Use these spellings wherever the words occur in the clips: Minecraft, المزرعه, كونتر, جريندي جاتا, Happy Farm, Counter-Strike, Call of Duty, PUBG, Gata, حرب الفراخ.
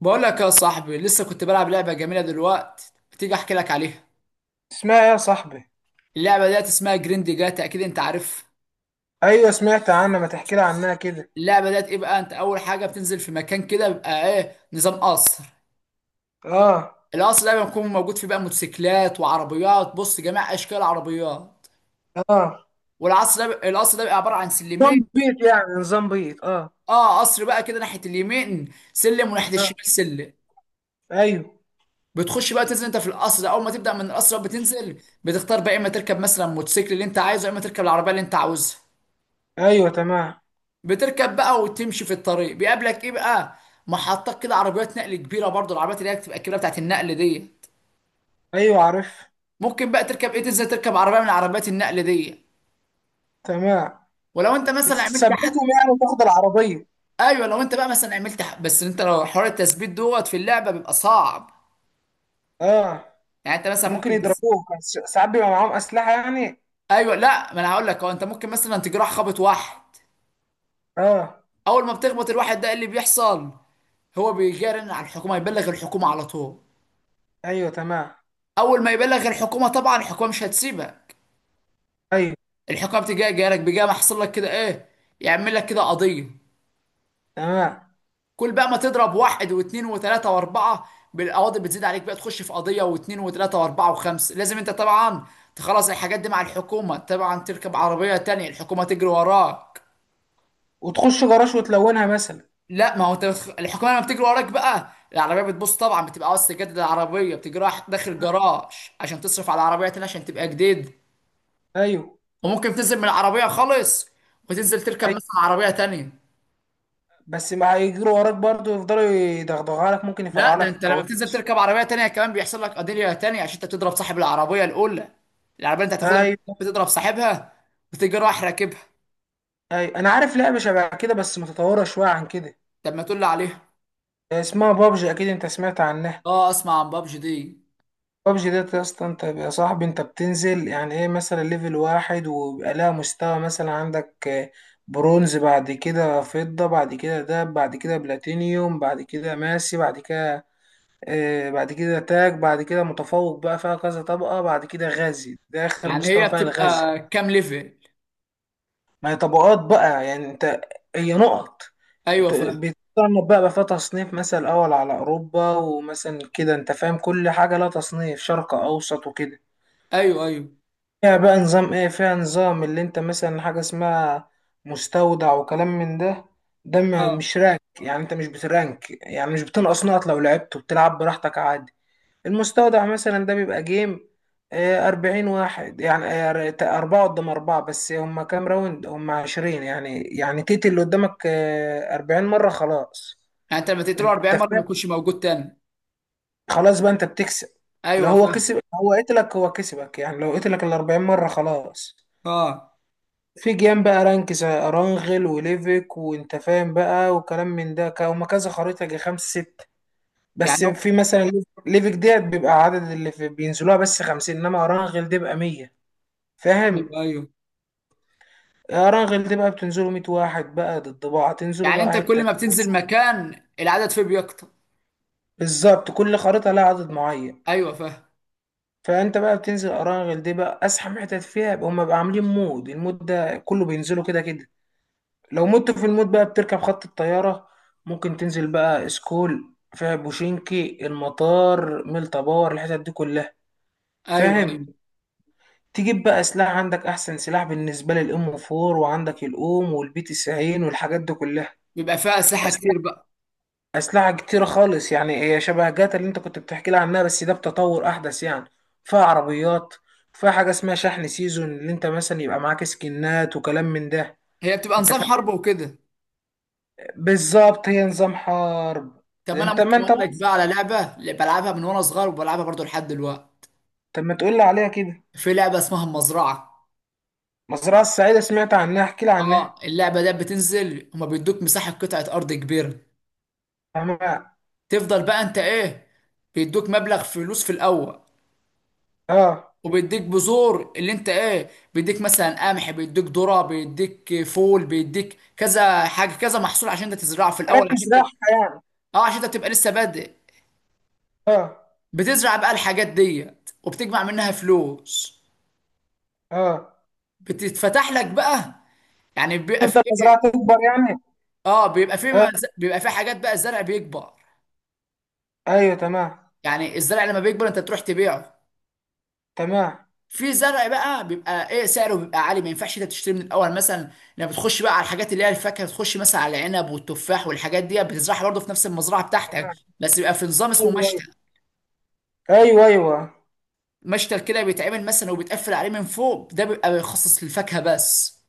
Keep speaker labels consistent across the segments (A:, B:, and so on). A: بقول لك يا صاحبي، لسه كنت بلعب لعبة جميلة دلوقتي، بتيجي احكي لك عليها.
B: اسمها ايه يا صاحبي؟
A: اللعبة ديت اسمها جريندي جاتا، اكيد انت عارف.
B: ايوه سمعت عنها، ما تحكي لي عنها كده.
A: اللعبة ديت ايه بقى، انت اول حاجة بتنزل في مكان كده بيبقى ايه، نظام قصر.
B: اه.
A: القصر ده بيكون موجود فيه بقى موتوسيكلات وعربيات، بص جميع اشكال العربيات.
B: اه،
A: والقصر ده بيبقى عبارة عن سلمين.
B: نظام بيض يعني، نظام بيض، اه.
A: اه، قصر بقى كده، ناحية اليمين سلم وناحية
B: اه.
A: الشمال سلم.
B: ايوه.
A: بتخش بقى تنزل انت في القصر ده، اول ما تبدأ من القصر بقى بتنزل، بتختار بقى اما تركب مثلا موتوسيكل اللي انت عايزه، يا اما تركب العربية اللي انت عاوزها.
B: ايوه تمام.
A: بتركب بقى وتمشي في الطريق، بيقابلك ايه بقى، محطات كده، عربيات نقل كبيره، برضو العربيات اللي هي بتبقى الكبيره بتاعت النقل دي.
B: ايوه عارف.
A: ممكن بقى تركب ايه، تنزل تركب عربيه من عربيات النقل دي.
B: تمام.
A: ولو انت مثلا عملت حد.
B: بتثبتهم يعني، وتاخد العربيه.
A: ايوه، لو انت بقى مثلا بس انت لو حوار التثبيت دوت في اللعبه بيبقى صعب.
B: اه،
A: يعني انت مثلا
B: ممكن
A: ممكن
B: يضربوك، بس ساعات بيبقى معاهم اسلحه يعني.
A: ايوه، لا، ما انا هقول لك، هو انت ممكن مثلا تجرح، خبط واحد،
B: اه.
A: اول ما بتخبط الواحد ده إيه اللي بيحصل، هو بيجرن على الحكومه، يبلغ الحكومه على طول.
B: ايوه تمام.
A: اول ما يبلغ الحكومه، طبعا الحكومه مش هتسيبك.
B: ايوه
A: الحكام تجي جالك، بيجي محصل لك كده ايه، يعمل لك كده قضيه.
B: تمام،
A: كل بقى ما تضرب واحد واثنين وثلاثه واربعه بالقواضي، بتزيد عليك بقى، تخش في قضيه واثنين وثلاثه واربعه وخمسه، لازم انت طبعا تخلص الحاجات دي مع الحكومه. طبعا تركب عربيه تانية، الحكومه تجري وراك.
B: وتخش جراج وتلونها مثلا.
A: لا، ما هو انت الحكومه لما بتجري وراك بقى العربيه بتبص طبعا، بتبقى عاوز تجدد العربيه، بتجريها داخل جراج عشان تصرف على العربيه تانية عشان تبقى جديد.
B: ايوه.
A: وممكن تنزل من العربيه خالص وتنزل تركب
B: ايوه،
A: مثلا عربيه تانية.
B: بس ما هيجروا وراك برضه؟ يفضلوا يدغدغوا لك، ممكن
A: لا،
B: يفرقعوا
A: ده
B: لك
A: انت لما بتنزل
B: الكاوتش.
A: تركب عربيه تانية كمان بيحصل لك قضيه تانية، عشان انت بتضرب صاحب العربيه الاولى، العربيه اللي انت هتاخدها، منك
B: ايوه.
A: بتضرب صاحبها، بتيجي رايح راكبها.
B: اي انا عارف لعبه شبه كده، بس متطوره شويه عن كده.
A: طب ما تقول لي عليها.
B: اسمها بابجي، اكيد انت سمعت عنها.
A: اه، اسمع عن بابجي دي.
B: بابجي ديت يا اسطى، انت يا صاحبي انت بتنزل يعني ايه، مثلا ليفل واحد، وبيبقى لها مستوى مثلا. عندك برونز، بعد كده فضة، بعد كده دهب، بعد كده بلاتينيوم، بعد كده ماسي، بعد كده بعد كده تاج، بعد كده متفوق. بقى فيها كذا طبقة، بعد كده غازي، ده آخر
A: يعني
B: مستوى
A: هي
B: فيها الغازي.
A: بتبقى كام ليفل؟
B: ما هي طبقات بقى، يعني انت، هي نقط.
A: ايوه، فاهم.
B: بيتصنف بقى، بقى فيها تصنيف مثلا أول على أوروبا، ومثلا كده أنت فاهم، كل حاجة لها تصنيف، شرق أوسط وكده.
A: ايوه، ايوه.
B: فيها بقى نظام إيه، فيها نظام اللي أنت مثلا حاجة اسمها مستودع وكلام من ده. ده
A: اه،
B: مش رانك يعني، أنت مش بترانك يعني، مش بتنقص نقط لو لعبت، وبتلعب براحتك عادي. المستودع مثلا ده بيبقى جيم، أربعين واحد يعني، أربعة قدام أربعة، بس هما كام راوند؟ هما عشرين، يعني يعني تيتي اللي قدامك أربعين مرة خلاص.
A: يعني انت لما تقتله
B: انت
A: 40 مره ما
B: فاهم؟
A: يكونش موجود تاني؟
B: خلاص بقى انت بتكسب. لو
A: ايوه،
B: هو
A: فاهم.
B: كسب، هو قتلك هو كسبك يعني، لو قتلك ال 40 مرة خلاص.
A: اه،
B: في جيم بقى رانك زي ارانغل وليفك، وانت فاهم بقى وكلام من ده. هما كذا خريطة، جي خمسة ستة، بس
A: يعني
B: في مثلا ليفك ديت بيبقى عدد اللي في بينزلوها بس خمسين، انما ارانغل دي بقى مية.
A: ايوه،
B: فاهم؟
A: ايوه.
B: ارانغل دي بقى بتنزلوا مية واحد بقى، ضد بعض تنزلوا
A: يعني انت
B: بقى
A: كل
B: حتة.
A: ما بتنزل مكان العدد فيه بيكتر؟
B: بالظبط، كل خريطة لها عدد معين.
A: ايوه، فاهم.
B: فانت بقى بتنزل اراغل دي بقى ازحم حتت فيها، يبقى هما بقى عاملين مود، المود ده كله بينزلوا كده كده. لو مت في المود بقى بتركب خط الطياره، ممكن تنزل بقى اسكول فيها، بوشينكي، المطار، ميلتا، باور، الحتت دي كلها.
A: ايوه،
B: فاهم؟
A: ايوه.
B: تجيب بقى سلاح، عندك احسن سلاح بالنسبه للام 4، وعندك الاوم والبي تي 90 والحاجات دي كلها.
A: بيبقى فيها اسلحه كتير بقى.
B: أسلحة كتيرة خالص يعني، هي شبه جاتا اللي أنت كنت بتحكي لي عنها، بس ده بتطور أحدث يعني. فيها عربيات، فيها حاجة اسمها شحن سيزون، اللي أنت مثلا يبقى معاك سكنات وكلام من ده.
A: هي بتبقى
B: أنت
A: نظام
B: فاهم؟
A: حرب وكده؟
B: بالظبط، هي نظام حرب.
A: طب انا
B: أنت، ما
A: ممكن
B: أنت
A: اقول لك
B: مصري
A: بقى
B: أهو.
A: على لعبه اللي بلعبها من وانا صغير، وبلعبها برضو لحد دلوقتي.
B: طب ما تقول لي عليها كده.
A: في لعبه اسمها المزرعه.
B: مزرعة السعيدة، سمعت عنها، احكي لي
A: اه،
B: عنها.
A: اللعبه دي بتنزل، هما بيدوك مساحه، قطعه ارض كبيره.
B: فاهمها.
A: تفضل بقى انت ايه، بيدوك مبلغ فلوس في الاول،
B: أه.
A: وبيديك بذور، اللي انت ايه، بيديك مثلا قمح، بيديك ذره، بيديك فول، بيديك كذا حاجه، كذا محصول، عشان انت تزرعه في
B: حاجات
A: الاول عشان تبقى.
B: تزرعها يعني.
A: اه، عشان انت تبقى لسه بادئ.
B: أه.
A: بتزرع بقى الحاجات ديت وبتجمع منها فلوس.
B: أه.
A: بتتفتح لك بقى. يعني بيبقى في
B: تفضل المزرعة
A: إيه،
B: تكبر يعني.
A: اه، بيبقى في
B: أه.
A: بيبقى في حاجات بقى، الزرع بيكبر.
B: أيوه تمام.
A: يعني الزرع لما بيكبر انت تروح تبيعه.
B: تمام.
A: في زرع بقى بيبقى ايه سعره، بيبقى عالي، ما ينفعش انت تشتري من الاول مثلا. لما بتخش بقى على الحاجات اللي هي الفاكهه، بتخش مثلا على العنب والتفاح والحاجات دي، بتزرعها برضه في نفس المزرعه بتاعتك.
B: تمام.
A: بس بيبقى في نظام اسمه
B: أيوه أيوه.
A: مشتل.
B: أيوه أيوه.
A: مشتل كده بيتعمل مثلا، وبيتقفل عليه من فوق، ده بيبقى بيخصص للفاكهه بس.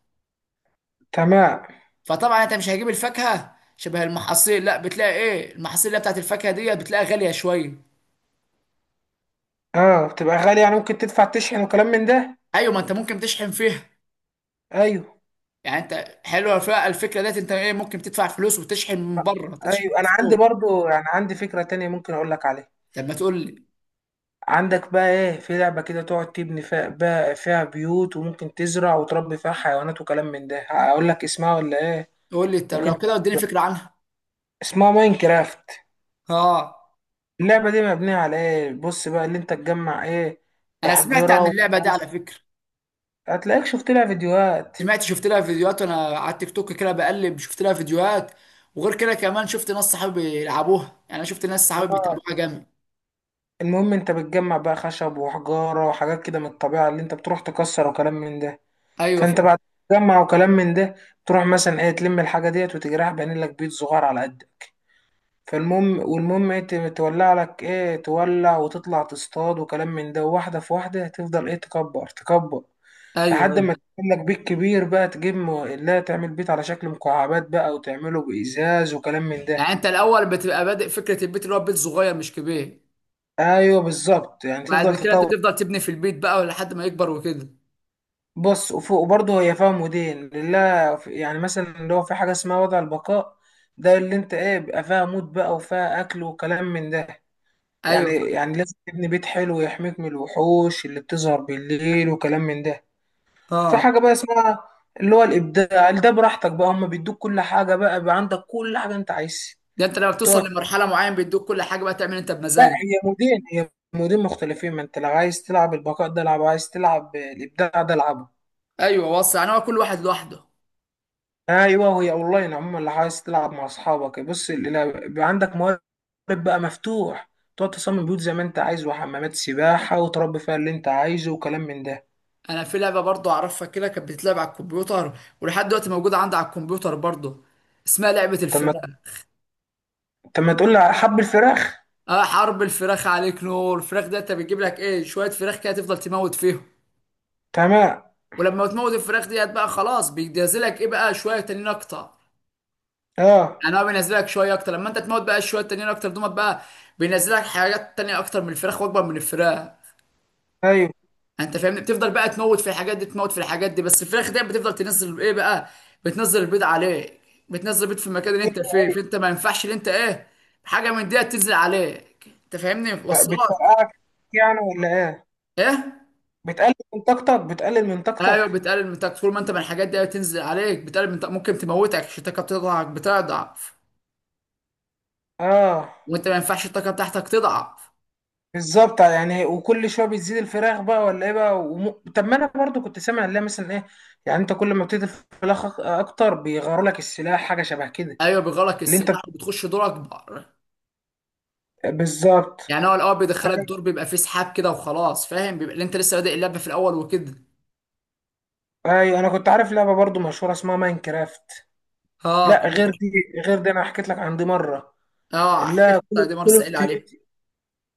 B: تمام.
A: فطبعا انت مش هجيب الفاكهه شبه المحاصيل، لا، بتلاقي ايه، المحاصيل اللي هي بتاعت الفاكهه دي بتلاقيها غاليه شويه.
B: اه بتبقى غالية يعني، ممكن تدفع تشحن وكلام من ده.
A: ايوه، ما انت ممكن تشحن فيها.
B: ايوه.
A: يعني انت حلوه فيها الفكره ديت، انت ايه، ممكن تدفع فلوس وتشحن من بره، تشحن
B: ايوه انا
A: من
B: عندي
A: فوق.
B: برضو، يعني عندي فكرة تانية ممكن اقول لك عليها.
A: طب ما تقول لي.
B: عندك بقى ايه، في لعبة كده تقعد تبني فيها بقى، فيها بيوت، وممكن تزرع وتربي فيها حيوانات وكلام من ده. اقول لك اسمها ولا ايه؟
A: تقول لي، طب لو
B: ممكن ت...
A: كده اديني فكره عنها.
B: اسمها ماينكرافت.
A: اه،
B: اللعبة دي مبنية على ايه، بص بقى، اللي انت تجمع ايه.
A: انا سمعت
B: احجرة
A: عن اللعبه دي على
B: وخش،
A: فكره.
B: هتلاقيك شفت لها فيديوهات.
A: سمعت، شفت لها فيديوهات وانا على التيك توك كده بقلب، شفت لها فيديوهات. وغير كده كمان شفت ناس صحابي بيلعبوها، يعني انا شفت ناس صحابي
B: اه.
A: بيتابعوها جامد.
B: المهم انت بتجمع بقى خشب وحجارة وحاجات كده من الطبيعة، اللي انت بتروح تكسر وكلام من ده.
A: ايوه،
B: فانت
A: فاهم.
B: بعد ما تجمع وكلام من ده، تروح مثلا ايه، تلم الحاجه ديت وتجرح، بعمل لك بيت صغير على قدك. فالمهم، والمهم ايه، تولع لك ايه، تولع وتطلع تصطاد وكلام من ده، واحده في واحده تفضل ايه تكبر تكبر،
A: ايوه،
B: لحد
A: ايوه.
B: ما تعمل لك بيت كبير بقى، تجيب لا، تعمل بيت على شكل مكعبات بقى، وتعمله بإزاز وكلام من ده.
A: يعني انت الاول بتبقى بادئ فكره البيت، اللي هو بيت صغير مش كبير.
B: ايوه بالظبط، يعني
A: بعد
B: تفضل
A: كده انت
B: تطور.
A: تفضل تبني في البيت بقى لحد ما يكبر وكده.
B: بص وفوق، وبرضه هي فيها مودين، لله يعني مثلا اللي هو، في حاجة اسمها وضع البقاء. ده اللي انت ايه، بيبقى فيها موت بقى، وفيها أكل وكلام من ده. يعني
A: ايوه،
B: يعني لازم تبني بيت حلو يحميك من الوحوش اللي بتظهر بالليل وكلام من ده. في
A: فاهم. اه.
B: حاجة بقى اسمها اللي هو الإبداع، ده براحتك بقى، هما بيدوك كل حاجة، بقى بقى عندك كل حاجة انت عايزها.
A: ده انت لما
B: تقعد.
A: بتوصل لمرحله معينه بيدوك كل حاجه بقى، تعمل انت
B: لا،
A: بمزاجك.
B: هي مودين، هي مودين مختلفين، ما انت لو عايز تلعب البقاء ده العب، عايز تلعب الإبداع ده العب.
A: ايوه، وصل. يعني هو كل واحد لوحده.
B: ايوه، وهي اونلاين عموما لو عايز تلعب مع اصحابك. بص، بيبقى عندك موارد، بقى مفتوح، تقعد تصمم بيوت زي ما انت عايز، وحمامات سباحه، وتربي فيها اللي انت عايزه وكلام من ده.
A: انا في لعبه برضه اعرفها كده، كانت بتتلعب على الكمبيوتر، ولحد دلوقتي موجوده عندي على الكمبيوتر برضه، اسمها لعبه
B: طب ما
A: الفراخ.
B: طب ما تقول لي على حب الفراخ.
A: اه، حرب الفراخ، عليك نور. الفراخ ده انت بتجيب لك ايه، شويه فراخ كده، تفضل تموت فيهم.
B: تمام.
A: ولما تموت الفراخ ديت بقى خلاص بينزلك ايه بقى، شويه تانيين اكتر.
B: اه.
A: يعني هو بينزلك شويه اكتر، لما انت تموت بقى شويه تانيين اكتر دومت بقى. بينزلك حاجات تانية اكتر من الفراخ واكبر من الفراخ.
B: ايوه.
A: انت فاهمني، بتفضل بقى تموت في الحاجات دي، تموت في الحاجات دي، بس الفراخ دي بتفضل تنزل ايه بقى، بتنزل البيض عليك. بتنزل البيض في المكان اللي انت فيه،
B: ايوه
A: فانت ما ينفعش اللي انت ايه، حاجه من دي تنزل عليك. انت فاهمني، وصلك؟
B: بتفرقعك يعني ولا ايه؟
A: ايه؟
B: بتقلل من طاقتك، بتقلل من
A: ايوه،
B: طاقتك
A: بتقلل من طاقتك. طول ما انت من الحاجات دي بتنزل عليك بتقلل من طاقتك، ممكن تموتك، عشان الطاقه بتاعتك بتضعف،
B: اه
A: وانت ما ينفعش الطاقه بتاعتك تضعف.
B: بالظبط يعني، وكل شويه بتزيد الفراخ بقى ولا ايه بقى، طب ما انا برضو كنت سامع اللي هي مثلا ايه. يعني انت كل ما بتزيد الفراخ اكتر بيغيروا لك السلاح، حاجه شبه كده.
A: ايوه، بيغلق
B: اللي انت،
A: السلاح وبتخش دور اكبر.
B: بالظبط.
A: يعني هو الاول بيدخلك دور بيبقى فيه سحاب كده وخلاص، فاهم، بيبقى اللي انت لسه بادئ اللعبه في الاول وكده.
B: اي انا كنت عارف لعبه برضو مشهوره اسمها ماين كرافت.
A: اه،
B: لا،
A: طب.
B: غير دي، انا حكيت لك عن دي مره.
A: اه، حكيت
B: لا،
A: لك، طيب، دي مرة
B: كول اوف
A: سائل عليه.
B: ديوتي.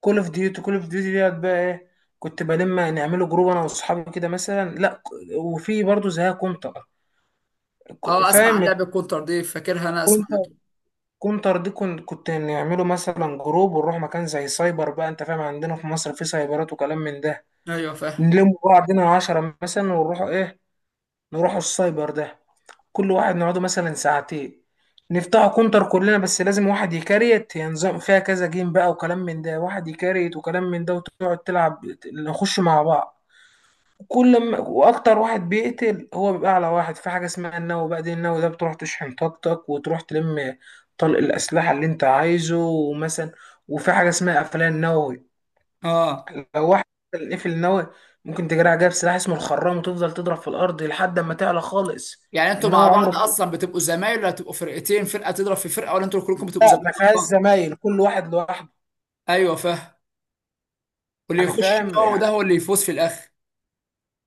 B: كول اوف ديوتي ديت بقى ايه، كنت بلم نعمله جروب انا واصحابي كده مثلا. لا، وفي برضو زيها كونتر.
A: اه، اسمع عن
B: فاهم؟
A: لعبة كونتر دي، فاكرها، انا اسمع.
B: كونتر دي كنت، نعمله مثلا جروب ونروح مكان زي سايبر بقى، انت فاهم، عندنا في مصر في سايبرات وكلام من ده.
A: ايوه، فاهم.
B: نلم بعضنا عشرة مثلا ونروح ايه، نروحوا السايبر ده، كل واحد نقعده مثلا ساعتين. نفتحوا كونتر كلنا، بس لازم واحد يكريت، ينظم فيها كذا جيم بقى وكلام من ده، واحد يكريت وكلام من ده، وتقعد تلعب. نخش مع بعض، كل ما واكتر واحد بيقتل هو بيبقى اعلى واحد، في حاجه اسمها النووي بقى، دي النووي ده بتروح تشحن طاقتك، وتروح تلم طلق الاسلحه اللي انت عايزه ومثلا. وفي حاجه اسمها قفلان نووي.
A: اه،
B: لو واحد قتل قفل نووي، ممكن تجري عليها بسلاح اسمه الخرام، وتفضل تضرب في الارض لحد ما تعلى خالص.
A: يعني انتوا مع
B: النووي
A: بعض
B: عمره ما،
A: اصلا بتبقوا زمايل، ولا بتبقوا فرقتين، فرقة تضرب في فرقة، ولا انتوا كلكم بتبقوا
B: لا،
A: زمايل
B: ما فيهاش
A: مع بعض؟
B: زمايل، كل واحد لوحده.
A: ايوه، فاهم. واللي
B: يعني
A: يخش
B: فاهم،
A: النووي ده هو اللي يفوز في الاخر؟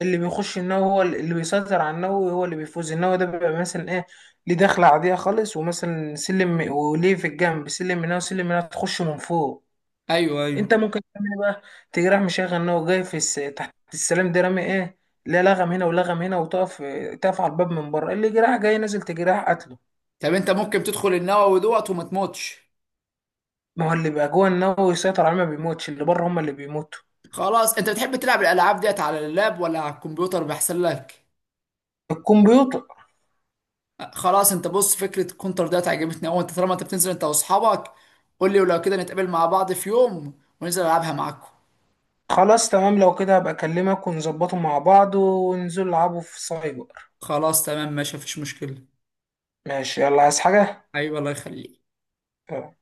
B: اللي بيخش النووي هو اللي بيسيطر على النووي، هو اللي بيفوز. النووي ده بيبقى مثلا ايه، ليه دخلة عادية خالص، ومثلا سلم، وليه في الجنب سلم من هنا وسلم من هنا، تخش من فوق.
A: ايوه، ايوه.
B: انت ممكن تعمل إيه بقى، تيجي رايح مشغل نووي جاي في تحت السلام ده رامي ايه، لا لغم هنا ولغم هنا، وتقف. تقف على الباب من بره، اللي جراح جاي نازل تجراح قتله.
A: طب انت ممكن تدخل النووي دوت وما تموتش؟
B: ما هو اللي بقى جوه النووي يسيطر عليه ما بيموتش، اللي بره هم اللي بيموتوا.
A: خلاص، انت بتحب تلعب الالعاب ديت على اللاب ولا على الكمبيوتر بيحسن لك؟
B: الكمبيوتر.
A: خلاص، انت بص، فكره الكونتر ديت عجبتني قوي، انت طالما انت بتنزل انت واصحابك قول لي، ولو كده نتقابل مع بعض في يوم وننزل العبها معاكم.
B: خلاص تمام، لو كده هبقى اكلمك ونظبطه مع بعض، وننزل نلعبه في سايبر.
A: خلاص، تمام، ماشي، مفيش مشكله.
B: ماشي، يلا عايز حاجة؟
A: حبيبي، الله يخليك.
B: يلا.